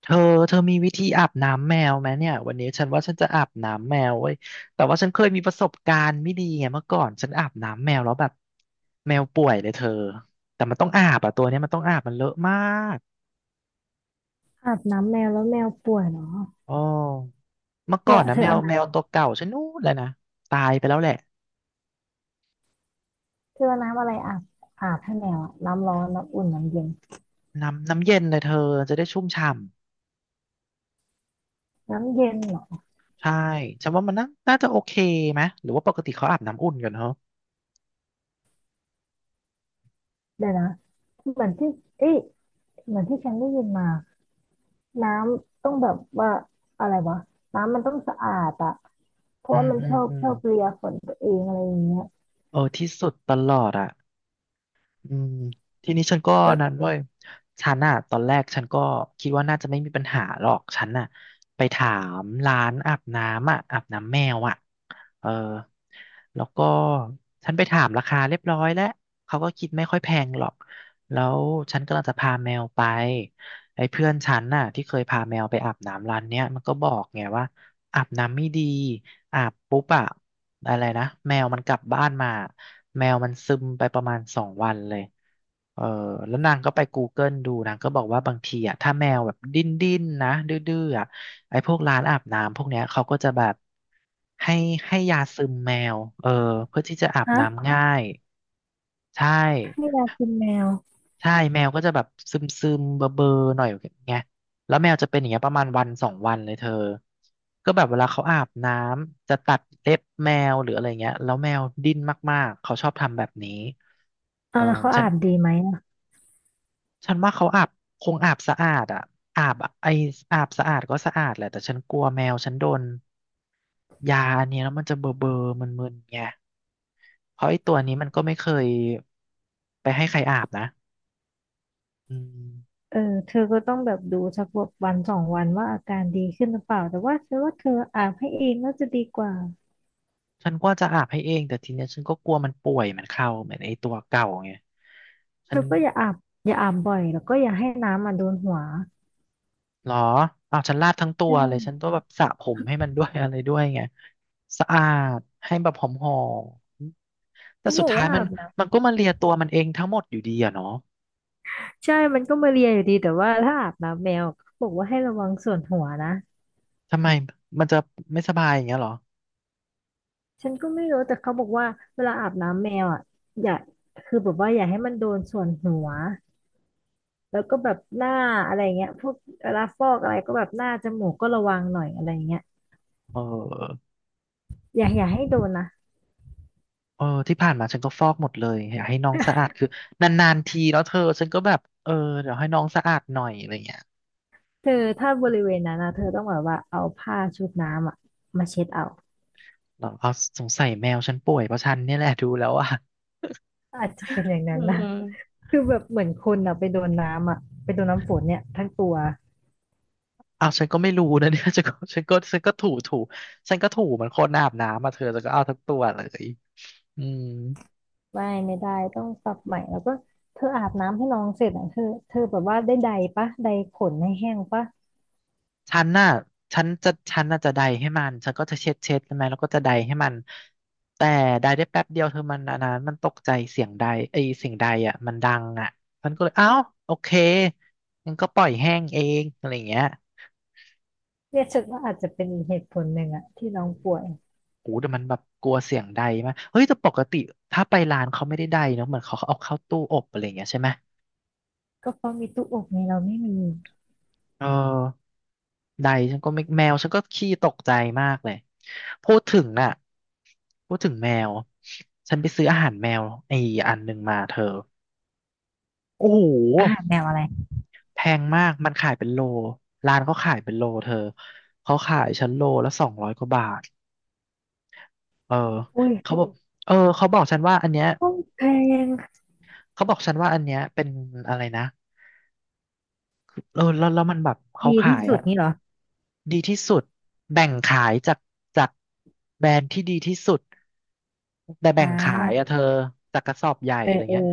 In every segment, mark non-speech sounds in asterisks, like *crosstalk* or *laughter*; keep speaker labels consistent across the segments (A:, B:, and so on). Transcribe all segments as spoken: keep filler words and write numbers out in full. A: เธอเธอมีวิธีอาบน้ำแมวไหมเนี่ยวันนี้ฉันว่าฉันจะอาบน้ำแมวเว้ยแต่ว่าฉันเคยมีประสบการณ์ไม่ดีไงเมื่อก่อนฉันอาบน้ำแมวแล้วแบบแมวป่วยเลยเธอแต่มันต้องอาบอะตัวเนี้ยมันต้องอาบมันเลอะมาก
B: อาบน้ำแมวแล้วแมวป่วยเหรอ
A: อ๋อเมื่อ
B: เธ
A: ก่
B: อ
A: อนนะ
B: เธอ
A: แม
B: เอา
A: ว
B: น้
A: แมวตัวเก่าฉันนู้นเลยนะตายไปแล้วแหละ
B: ำเธอเอาน้ำอะไรอาบ อาบให้แมวอะน้ำร้อนน้ำอุ่นน้ำเย็น
A: น้ำน้ำเย็นเลยเธอจะได้ชุ่มฉ่ำ
B: น้ำเย็นเหรอ
A: ใช่ฉันว่ามันน่าน่าจะโอเคไหมหรือว่าปกติเขาอาบน้ำอุ่นกันเหรอ
B: เดี๋ยวนะเหมือนที่เอ้ยเหมือนที่ฉันได้ยินมาน้ำต้องแบบว่าอะไรวะน้ำมันต้องสะอาดอะเพ
A: อื
B: ราะว่า
A: ม
B: มัน
A: อื
B: ช
A: ม
B: อบ
A: อืม
B: ชอบเลียขนตัวเองอะไรอย่างเงี้ย
A: เออที่สุดตลอดอะ อืมทีนี้ฉันก็
B: แล้ว
A: นั้นเว้ยฉันอะตอนแรกฉันก็คิดว่าน่าจะไม่มีปัญหาหรอก ฉันอะไปถามร้านอาบน้ำอะอาบน้ำแมวอะเออแล้วก็ฉันไปถามราคาเรียบร้อยแล้วเขาก็คิดไม่ค่อยแพงหรอก แล้วฉันกำลังจะพาแมวไปไอ้เพื่อนฉันน่ะที่เคยพาแมวไปอาบน้ำร้านเนี้ยมันก็บอกไงว่าอาบน้ำไม่ดี อาบปุ๊บอะอะไรนะแมวมันกลับบ้านมาแมวมันซึมไปประมาณสองวันเลยเออแล้วนางก็ไป กูเกิล ดูนางก็บอกว่าบางทีอะถ้าแมวแบบดิ้นดิ้นนะดื้อๆอะไอ้พวกร้านอาบน้ำพวกเนี้ยเขาก็จะแบบให้ให้ยาซึมแมวเออเพื่อที่จะอาบ
B: ฮะ
A: น้ำง่ายใช่
B: ให้ยากินแมว
A: ใช่แมวก็จะแบบซึมซึมเบอเบอร์ๆหน่อยไงเงี้ยแล้วแมวจะเป็นอย่างเงี้ยประมาณวันสองวันเลยเธอก็แบบเวลาเขาอาบน้ำจะตัดเล็บแมวหรืออะไรเงี้ยแล้วแมวดิ้นมากๆเขาชอบทำแบบนี้เอ
B: เอา
A: อ
B: แล้วเขา
A: ฉั
B: อา
A: น
B: บดีไหมอะ
A: ฉันว่าเขาอาบคงอาบสะอาดอ่ะอาบอะไออาบสะอาดก็สะอาดแหละแต่ฉันกลัวแมวฉันโดนยาอันเนี้ยแล้วมันจะเบอเบอร์มึนๆไงเพราะไอตัวนี้มันก็ไม่เคยไปให้ใครอาบนะอืม
B: เออเธอก็ต้องแบบดูสักวันสองวันว่าอาการดีขึ้นหรือเปล่าแต่ว่าฉันว่าเธออาบให้เองน่าจะดีกว่า
A: ฉันก็จะอาบให้เองแต่ทีเนี้ยฉันก็กลัวมันป่วยมันเข้าเหมือนไอ้ตัวเก่าไงฉั
B: เธ
A: น
B: อก็อย่าอาบอย่าอาบบ่อยแล้วก็อย่าให้น้ำมาโดนหัว
A: หรออ้าวฉันลาดทั้งตัวเลยฉัน
B: ใช่
A: ต้องแบบสระผมให้มันด้วย *laughs* อะไรด้วยไงสะอาดให้แบบหอมๆแต่
B: เขา
A: สุ
B: บ
A: ด
B: อก
A: ท้าย
B: ว่า
A: มั
B: อา
A: น
B: บน้
A: มันก็มาเลียตัวมันเองทั้งหมดอยู่ดีอะเนาะ
B: ำใช่มันก็มาเลียอยู่ดีแต่ว่าถ้าอาบน้ำแมวเขาบอกว่าให้ระวังส่วนหัวนะ
A: ทำไมมันจะไม่สบายอย่างเงี้ยเหรอ
B: ฉันก็ไม่รู้แต่เขาบอกว่าเวลาอาบน้ำแมวอ่ะอย่าคือแบบว่าอย่าให้มันโดนส่วนหัวแล้วก็แบบหน้าอะไรเงี้ยพวกเวลาฟอกอะไรก็แบบหน้าจมูกก็ระวังหน่อยอะไรเงี้ย
A: เออ
B: อย่าอย่าให้โดนนะ
A: เออที่ผ่านมาฉันก็ฟอกหมดเลยอยากให้น้องสะอาดคือนานๆทีแล้วเธอฉันก็แบบเออเดี๋ยวให้น้องสะอาดหน่อยอะไรเงี้ย
B: เธอถ้าบริเวณนั้นนะเธอต้องแบบว่าเอาผ้าชุบน้ำอ่ะมาเช็ดเอา
A: เหรอเอาสงสัยแมวฉันป่วยเพราะฉันเนี่ยแหละดูแล้วอ่ะ
B: อาจจะเป็นอย่าง
A: เออ
B: นั้นนะ
A: เอ
B: คือแบบเหมือนคนอะไปโดนน้ำอะไปโดนน้ำฝนเนี่ยทั้งตัว
A: ้าฉันก็ไม่รู้นะเนี่ย *laughs* ฉันก็ฉันก็ฉันก็ถูถูฉันก็ถูเหมันคนอาบน้ำมาเธอแันวก็เอาทั้งตัวเลยอืม
B: ไม่ไม่ได้ต้องปรับใหม่แล้วก็เธออาบน้ำให้น้องเสร็จอ่ะเธอเธอแบบว่าได้ใดปะใดขนให้แห้งปะ
A: ฉันน่ะฉันจะฉันน่ะจะใดให้มันฉันก็จะเช็ดเช็ดใช่ไหมแล้วก็จะใดให้มันแต่ใดได้แป๊บเดียวเธอมันอันนั้นมันตกใจเสียงใดไอยเสียงใดอ่ะมันดังอ่ะมันก็เลยอ้าวโอเคงั้นก็ปล่อยแห้งเองอะไรอย่างเงี้ย
B: เนี่ยฉันว่าอาจจะเป็นอีกเหตุผลหนึ่งอะที่น้องป่วย
A: โอ้แต่มันแบบกลัวเสียงใดมากเฮ้ยแต่ปกติถ้าไปร้านเขาไม่ได้ใดเนอะเหมือนเขาเอาเข้าตู้อบอะไรอย่างเงี้ยใช่ไหม
B: ก็เพราะมีตู้อบไงเราไม่มี
A: เออใดฉันก็ไม่แมวฉันก็ขี้ตกใจมากเลยพูดถึงน่ะพูดถึงแมวฉันไปซื้ออาหารแมวไอ้อันหนึ่งมาเธอโอ้โห
B: อ่าแนวอะไร
A: แพงมากมันขายเป็นโลร้านเขาขายเป็นโลเธอเขาขายฉันโลละสองร้อยกว่าบาทเออ
B: อุ้ย
A: เขาบอกเออเขาบอกฉันว่าอันเนี้ย
B: ห้องแพง
A: เขาบอกฉันว่าอันเนี้ยเป็นอะไรนะ เออแล้วแล้วมันแบบเขา
B: ดี
A: ขา
B: ที่
A: ย
B: สุ
A: เนะ
B: ด
A: อะ
B: นี่เหรอ
A: ดีที่สุดแบ่งขายจากจากแบรนด์ที่ดีที่สุดแต่แบ่
B: อ่
A: งขายอะ
B: า
A: เธอจากกระสอบใหญ่
B: เออ
A: อะไร
B: เออ
A: เงี้ย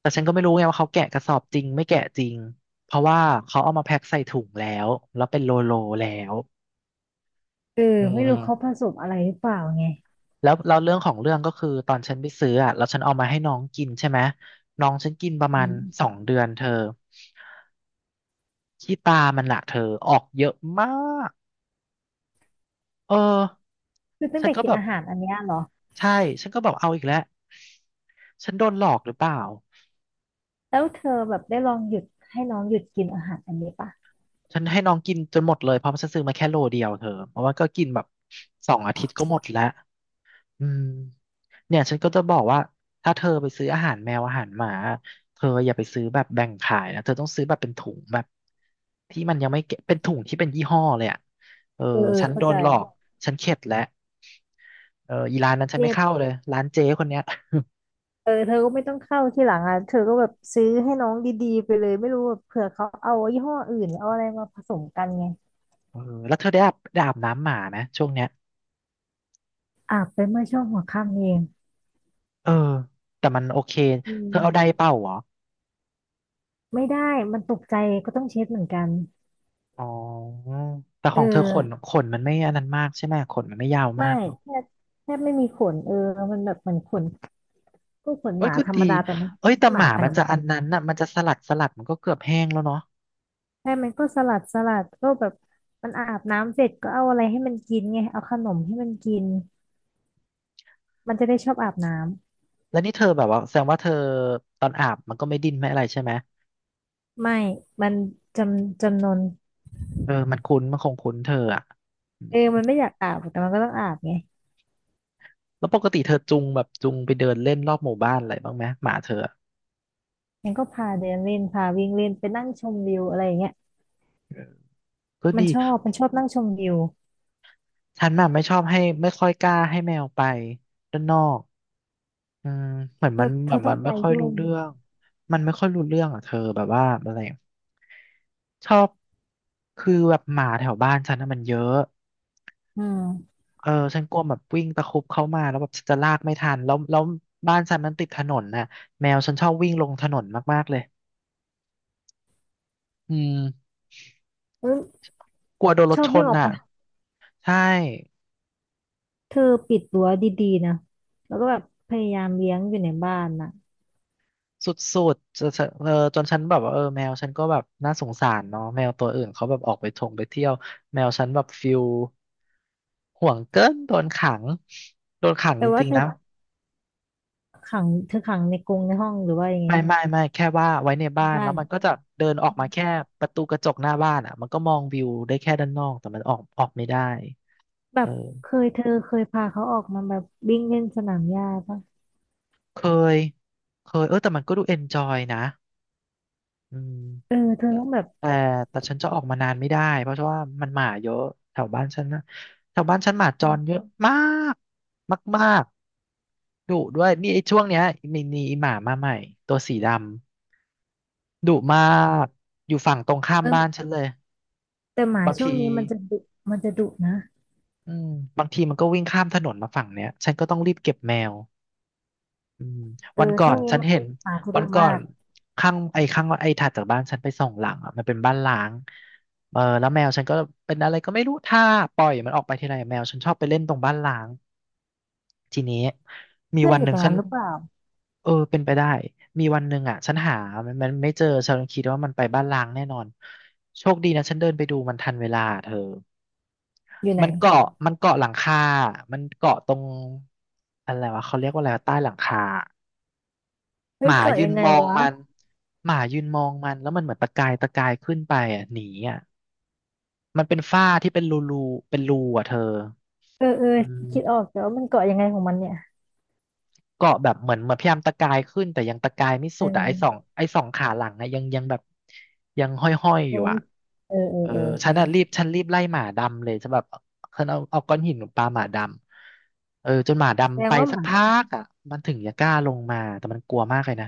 A: แต่ฉันก็ไม่รู้ไงว่าเขาแกะกระสอบจริงไม่แกะจริงเพราะว่าเขาเอามาแพ็คใส่ถุงแล้วแล้วเป็นโลโลแล้ว
B: เออ
A: อื
B: ไม่รู้เขาผ
A: ม
B: สมอะไรหรือเปล่าไง
A: แล้วเราเรื่องของเรื่องก็คือตอนฉันไปซื้ออะแล้วฉันเอามาให้น้องกินใช่ไหมน้องฉันกินประมาณ
B: อื
A: สอ
B: ม
A: งเดือนเธอขี้ตามันละเธอออกเยอะมากเออ
B: คือตั้ง
A: ฉัน
B: แต่
A: ก็
B: กิน
A: แบบ
B: อาหารอันเนี้ยเหรอ
A: ใช่ ฉันก็แบบเอาอีกแล้วฉันโดนหลอกหรือเปล่า
B: แล้วเธอแบบได้ลองหยุดให้น้องหยุดกินอาหารอันนี้ปะ
A: ฉันให้น้องกินจนหมดเลยเพราะฉันซื้อมาแค่โลเดียวเธอเพราะว่าก็กินแบบสองอาทิตย์
B: เอ
A: ก็
B: อ
A: หมดแล้วอืมเนี่ยฉันก็จะบอกว่าถ้าเธอไปซื้ออาหารแมวอาหารหมาเธออย่าไปซื้อแบบแบ่งขายนะเธอต้องซื้อแบบเป็นถุงแบบที่มันยังไม่เก็บเป็นถุงที่เป็นยี่ห้อเลยอ่ะเออ
B: เออ
A: ฉันโด
B: เข้าใจ
A: นหลอกฉันเข็ดแล้วเอออีร้านนั้นฉัน
B: เนี่
A: ไม่
B: ย
A: เข้าเลยร้านเจ๊คนเนี้ย
B: เออเธอก็ไม่ต้องเข้าที่หลังอ่ะเธอก็แบบซื้อให้น้องดีๆไปเลยไม่รู้แบบเผื่อเขาเอายี่ห้ออื่นหรือเอาอะไรมาผสมกันไง
A: เออแล้วเธอได้อาบได้อาบน้ำหมาไหมช่วงเนี้ย
B: อาบไปเมื่อช่วงหัวค่ำเอง
A: เออ แต่มันโอเค
B: อื
A: เธอเอาได
B: ม
A: เป่าเหรอ
B: ไม่ได้มันตกใจก็ต้องเช็ดเหมือนกัน
A: อ๋อแต่ข
B: เอ
A: องเธอขน
B: อ
A: ขนมันไม่อันนั้นมากใช่ไหมขนมันไม่ยาวมา
B: ไม่
A: กเนาะ
B: แทบแทบไม่มีขนเออมันแบบเหมือนขนก็ขน
A: เอ้
B: ห
A: ย
B: มา
A: ก็
B: ธรร
A: ดี
B: มดาแต่มัน
A: เอ้
B: ไม่
A: ยแต่
B: ใช่ห
A: ห
B: มา
A: มา
B: พัน
A: มัน
B: ธุ์
A: จะ
B: ยา
A: อันนั้นน่ะมันจะสลัดสลัดมันก็เกือบแห้งแล้วเนาะ
B: ใช่มันก็สลัดสลัดก็แบบมันอาบน้ำเสร็จก็เอาอะไรให้มันกินไงเอาขนมให้มันกินมันจะได้ชอบอาบน้ำ
A: แล้วนี่เธอแบบว่าแสดงว่าเธอตอนอาบมันก็ไม่ดิ้นไม่อะไรใช่ไหม
B: ไม่มันจำจำนน
A: เออมันคุ้นมันคงคุ้นเธออ่ะอื
B: เออ
A: ม
B: มันไม่อยากอาบแต่มันก็ต้องอาบไง
A: แล้วปกติเธอจูงแบบจูงไปเดินเล่นรอบหมู่บ้านอะไรบ้างไหมหมาเธออะ
B: มันก็พาเดินเล่นพาวิ่งเล่นไปนั่งชมวิวอะไรอย่างเงี้ย
A: เออก็
B: มัน
A: ดี
B: ชอบมันชอบนั่งชมวิว
A: ฉันน่ะไม่ชอบให้ไม่ค่อยกล้าให้แมวไปด้านนอก อืมเหมือน
B: เธ
A: มั
B: อ
A: น
B: เธ
A: แบ
B: อ
A: บ
B: ต้
A: มั
B: อง
A: น
B: ไป
A: ไม่ค่อย
B: ด้ว
A: รู้
B: ย
A: เรื่องมันไม่ค่อยรู้เรื่องอ่ะเธอแบบว่าอะไรอะชอบคือแบบหมาแถวบ้านฉันน่ะมันเยอะ
B: อืม
A: เออฉันกลัวแบบวิ่งตะครุบเข้ามาแล้วแบบฉันจะลากไม่ทันแล้วแล้วบ้านฉันมันติดถนนน่ะแมวฉันชอบวิ่งลงถนนมากๆเลยอืม
B: เออ
A: กลัวโดนร
B: ช
A: ถ
B: อบ
A: ช
B: วิ่ง
A: น
B: ออกไป
A: อ่ะใช่
B: เธอปิดรั้วดีๆนะแล้วก็แบบพยายามเลี้ยงอยู่ในบ้านนะ
A: สุดๆจะจะเออจนฉันแบบว่าเออแมวฉันก็แบบน่าสงสารเนาะแมวตัวอื่นเขาแบบออกไปทงไปเที่ยวแมวฉันแบบฟิลห่วงเกินโดนขังโดนขัง
B: แต่
A: จ
B: ว่า
A: ริง
B: เธ
A: ๆ
B: อ
A: นะ
B: ขังเธอขังในกรงในห้องหรือว่ายังไง
A: ไม่ไม่ไม่แค่ว่าไว้ในบ้าน
B: บ้า
A: แล้ว
B: น
A: มันก็จะเดินออกมาแค่ประตูกระจกหน้าบ้านอ่ะมันก็มองวิวได้แค่ด้านนอกแต่มันออกออกไม่ได้
B: แบ
A: เอ
B: บเค
A: อ
B: ยเธอเคยพาเขาออกมาแบบวิ่งเล่นสนามหญ้าปะ
A: เคยเคยเออแต่มันก็ดูเอนจอยนะอืม
B: เออเธอต้องแบบ
A: แต่แต่ฉันจะออกมานานไม่ได้เพราะว่ามันหมาเยอะแถวบ้านฉันนะแถวบ้านฉันหมาจรเยอะมากมากๆดุด้วยนี่ไอ้ช่วงเนี้ยมีมีหมามาใหม่ตัวสีดำดุมากอยู่ฝั่งตรงข้าม
B: เออ
A: บ้านฉันเลย
B: แต่หมา
A: บาง
B: ช่ว
A: ที
B: งนี้มันจะดุมันจะดุนะ
A: อืมบางทีมันก็วิ่งข้ามถนนมาฝั่งเนี้ยฉันก็ต้องรีบเก็บแมว อืม
B: เออ
A: วันก่อ
B: ช่ว
A: น
B: งนี้
A: ฉั
B: ห
A: นเห็น
B: มาจะ
A: วั
B: ดุ
A: นก่อ
B: มา
A: น
B: ก
A: ข้างไอ้ข้างไอ้ถัดจากบ้านฉันไปส่งหลังอ่ะมันเป็นบ้านล้างเออแล้วแมวฉันก็เป็นอะไรก็ไม่รู้ถ้าปล่อยมันออกไปทีไรแมวฉันชอบไปเล่นตรงบ้านล้างทีนี้มี
B: เพื่อน
A: วัน
B: อ
A: ห
B: ยู่
A: นึ่
B: ต
A: ง
B: รง
A: ฉัน
B: นั้นหรือเปล่า
A: เออเป็นไปได้มีวันหนึ่งอ่ะฉันหามันมันไม่เจอฉันคิดว่ามันไปบ้านล้างแน่นอนโชคดีนะฉันเดินไปดูมันทันเวลาเธอ
B: อยู่ไหน
A: มันเกาะมันเกาะหลังคามันเกาะตรงอะไรวะเขาเรียกว่าอะไรวะใต้หลังคา
B: เฮ้
A: ห
B: ย
A: มา
B: เกาะ
A: ยื
B: ยั
A: น
B: งไง
A: มอง
B: วะ
A: มันหมายืนมองมันแล้วมันเหมือนตะกายตะกายขึ้นไปอ่ะหนีอ่ะมันเป็นฝ้าที่เป็นรูรูเป็นรูอ่ะเธอ
B: เออเออ
A: อืม
B: คิดออกแต่ว่ามันเกาะยังไงของมันเนี่ย
A: เกาะแบบเหมือนเหมือนพยายามตะกายขึ้นแต่ยังตะกายไม่
B: เ
A: สุดอ่ะไอ้สอง
B: ออ
A: ไอ้สองขาหลังอะยังยังแบบยังห้อยๆอยอ
B: ยั
A: ยู่
B: ง
A: อ่ะ
B: ไม่เออเออ
A: เออ
B: เออ
A: ฉันอ่ะรีบฉันรีบไล่หมาดำเลยฉันแบบฉันเอาเอาก้อนหินปาหมาดำเออจนหมา
B: แสด
A: ดำไป
B: งว่าห
A: สัก
B: มา
A: พักอ่ะมันถึงจะกล้าลงมาแต่มันกลัวมากเลยนะ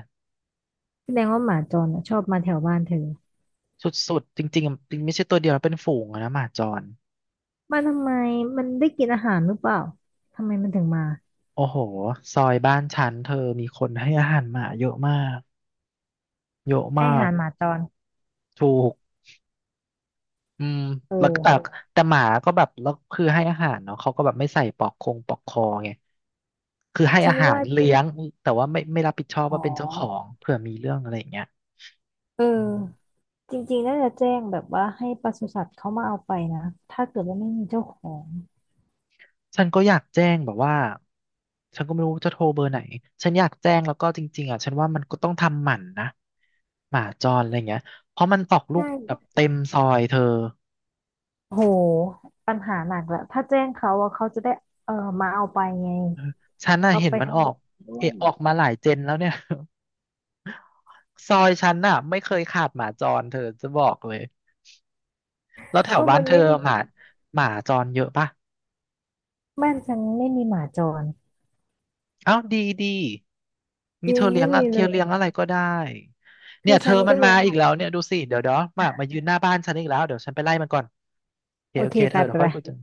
B: แสดงว่าหมาจรอ่ะชอบมาแถวบ้านเธอ
A: สุดๆจริงๆจริงไม่ใช่ตัวเดียวนะเป็นฝูงอะนะหมาจร
B: มาทำไมมันได้กินอาหารหรือเปล่าทำไมมันถึงมา
A: โอ้โหซอยบ้านฉันเธอมีคนให้อาหารหมาเยอะมากเยอะ
B: ให้
A: มา
B: อา
A: ก
B: หารหมาจร
A: ถูกอืม
B: เอ
A: แล้วก็
B: อ
A: แต่แต่หมาก็แบบแล้วคือให้อาหารเนาะเขาก็แบบไม่ใส่ปลอกคงปลอกคอไงคือให้
B: ฉั
A: อา
B: น
A: หา
B: ว่า
A: ร
B: จริง
A: เลี้ยงแต่ว่าไม่ไม่รับผิดชอบ
B: อ๋อ
A: ว่าเป็นเจ้าของเผื่อมีเรื่องอะไรอย่างเงี้ย
B: เอ
A: อืม
B: อจริงๆน่าจะแจ้งแบบว่าให้ปศุสัตว์เขามาเอาไปนะถ้าเกิดว่าไม่มีเจ้าของ
A: ฉันก็อยากแจ้งแบบว่าฉันก็ไม่รู้จะโทรเบอร์ไหน ฉันอยากแจ้งแล้วก็จริงๆอ่ะฉันว่ามันก็ต้องทำหมันนะหมาจรอะไรเงี้ยเพราะมันออกลู
B: ใช่
A: กแบบเต็มซอยเธอ
B: โหปัญหาหนักแหละถ้าแจ้งเขาอะเขาจะได้เออมาเอาไปไง
A: ฉันน่ะ
B: เอา
A: เห็น
B: ไป
A: มัน
B: ท
A: ออก
B: ำด้ว
A: เอะ
B: ย
A: ออกมาหลายเจนแล้วเนี่ย *laughs* ซอยฉันน่ะไม่เคยขาดหมาจรเธอจะบอกเลยแล้วแถว
B: ก็
A: บ้าน
B: มัน
A: เธอ
B: ไม่มี
A: หมาหมาจรเยอะปะ
B: บ้านฉันไม่มีหมาจร
A: อ้าวดีดี
B: จ
A: งี้
B: ริ
A: เธ
B: ง
A: อเลี้
B: ไม่
A: ยง
B: มี
A: อะเธ
B: เล
A: อเลี้ยง
B: ย
A: อะไรก็ได้เนี่
B: คื
A: ย
B: อ
A: เธ
B: ฉั
A: อ
B: น
A: มั
B: ก็
A: น
B: เลี้
A: มา
B: ยงห
A: อีก
B: มา
A: แล้วเนี่ยดูสิเดี๋ยวเดี๋ยวมามายืนหน้าบ้านฉันอีกแล้วเดี๋ยวฉันไปไล่มันก่อนโอเค
B: โอ
A: โอ
B: เค
A: เคเธ
B: ไป
A: อ
B: ไป
A: เดี๋ยวค่
B: ไป
A: อยคุยกัน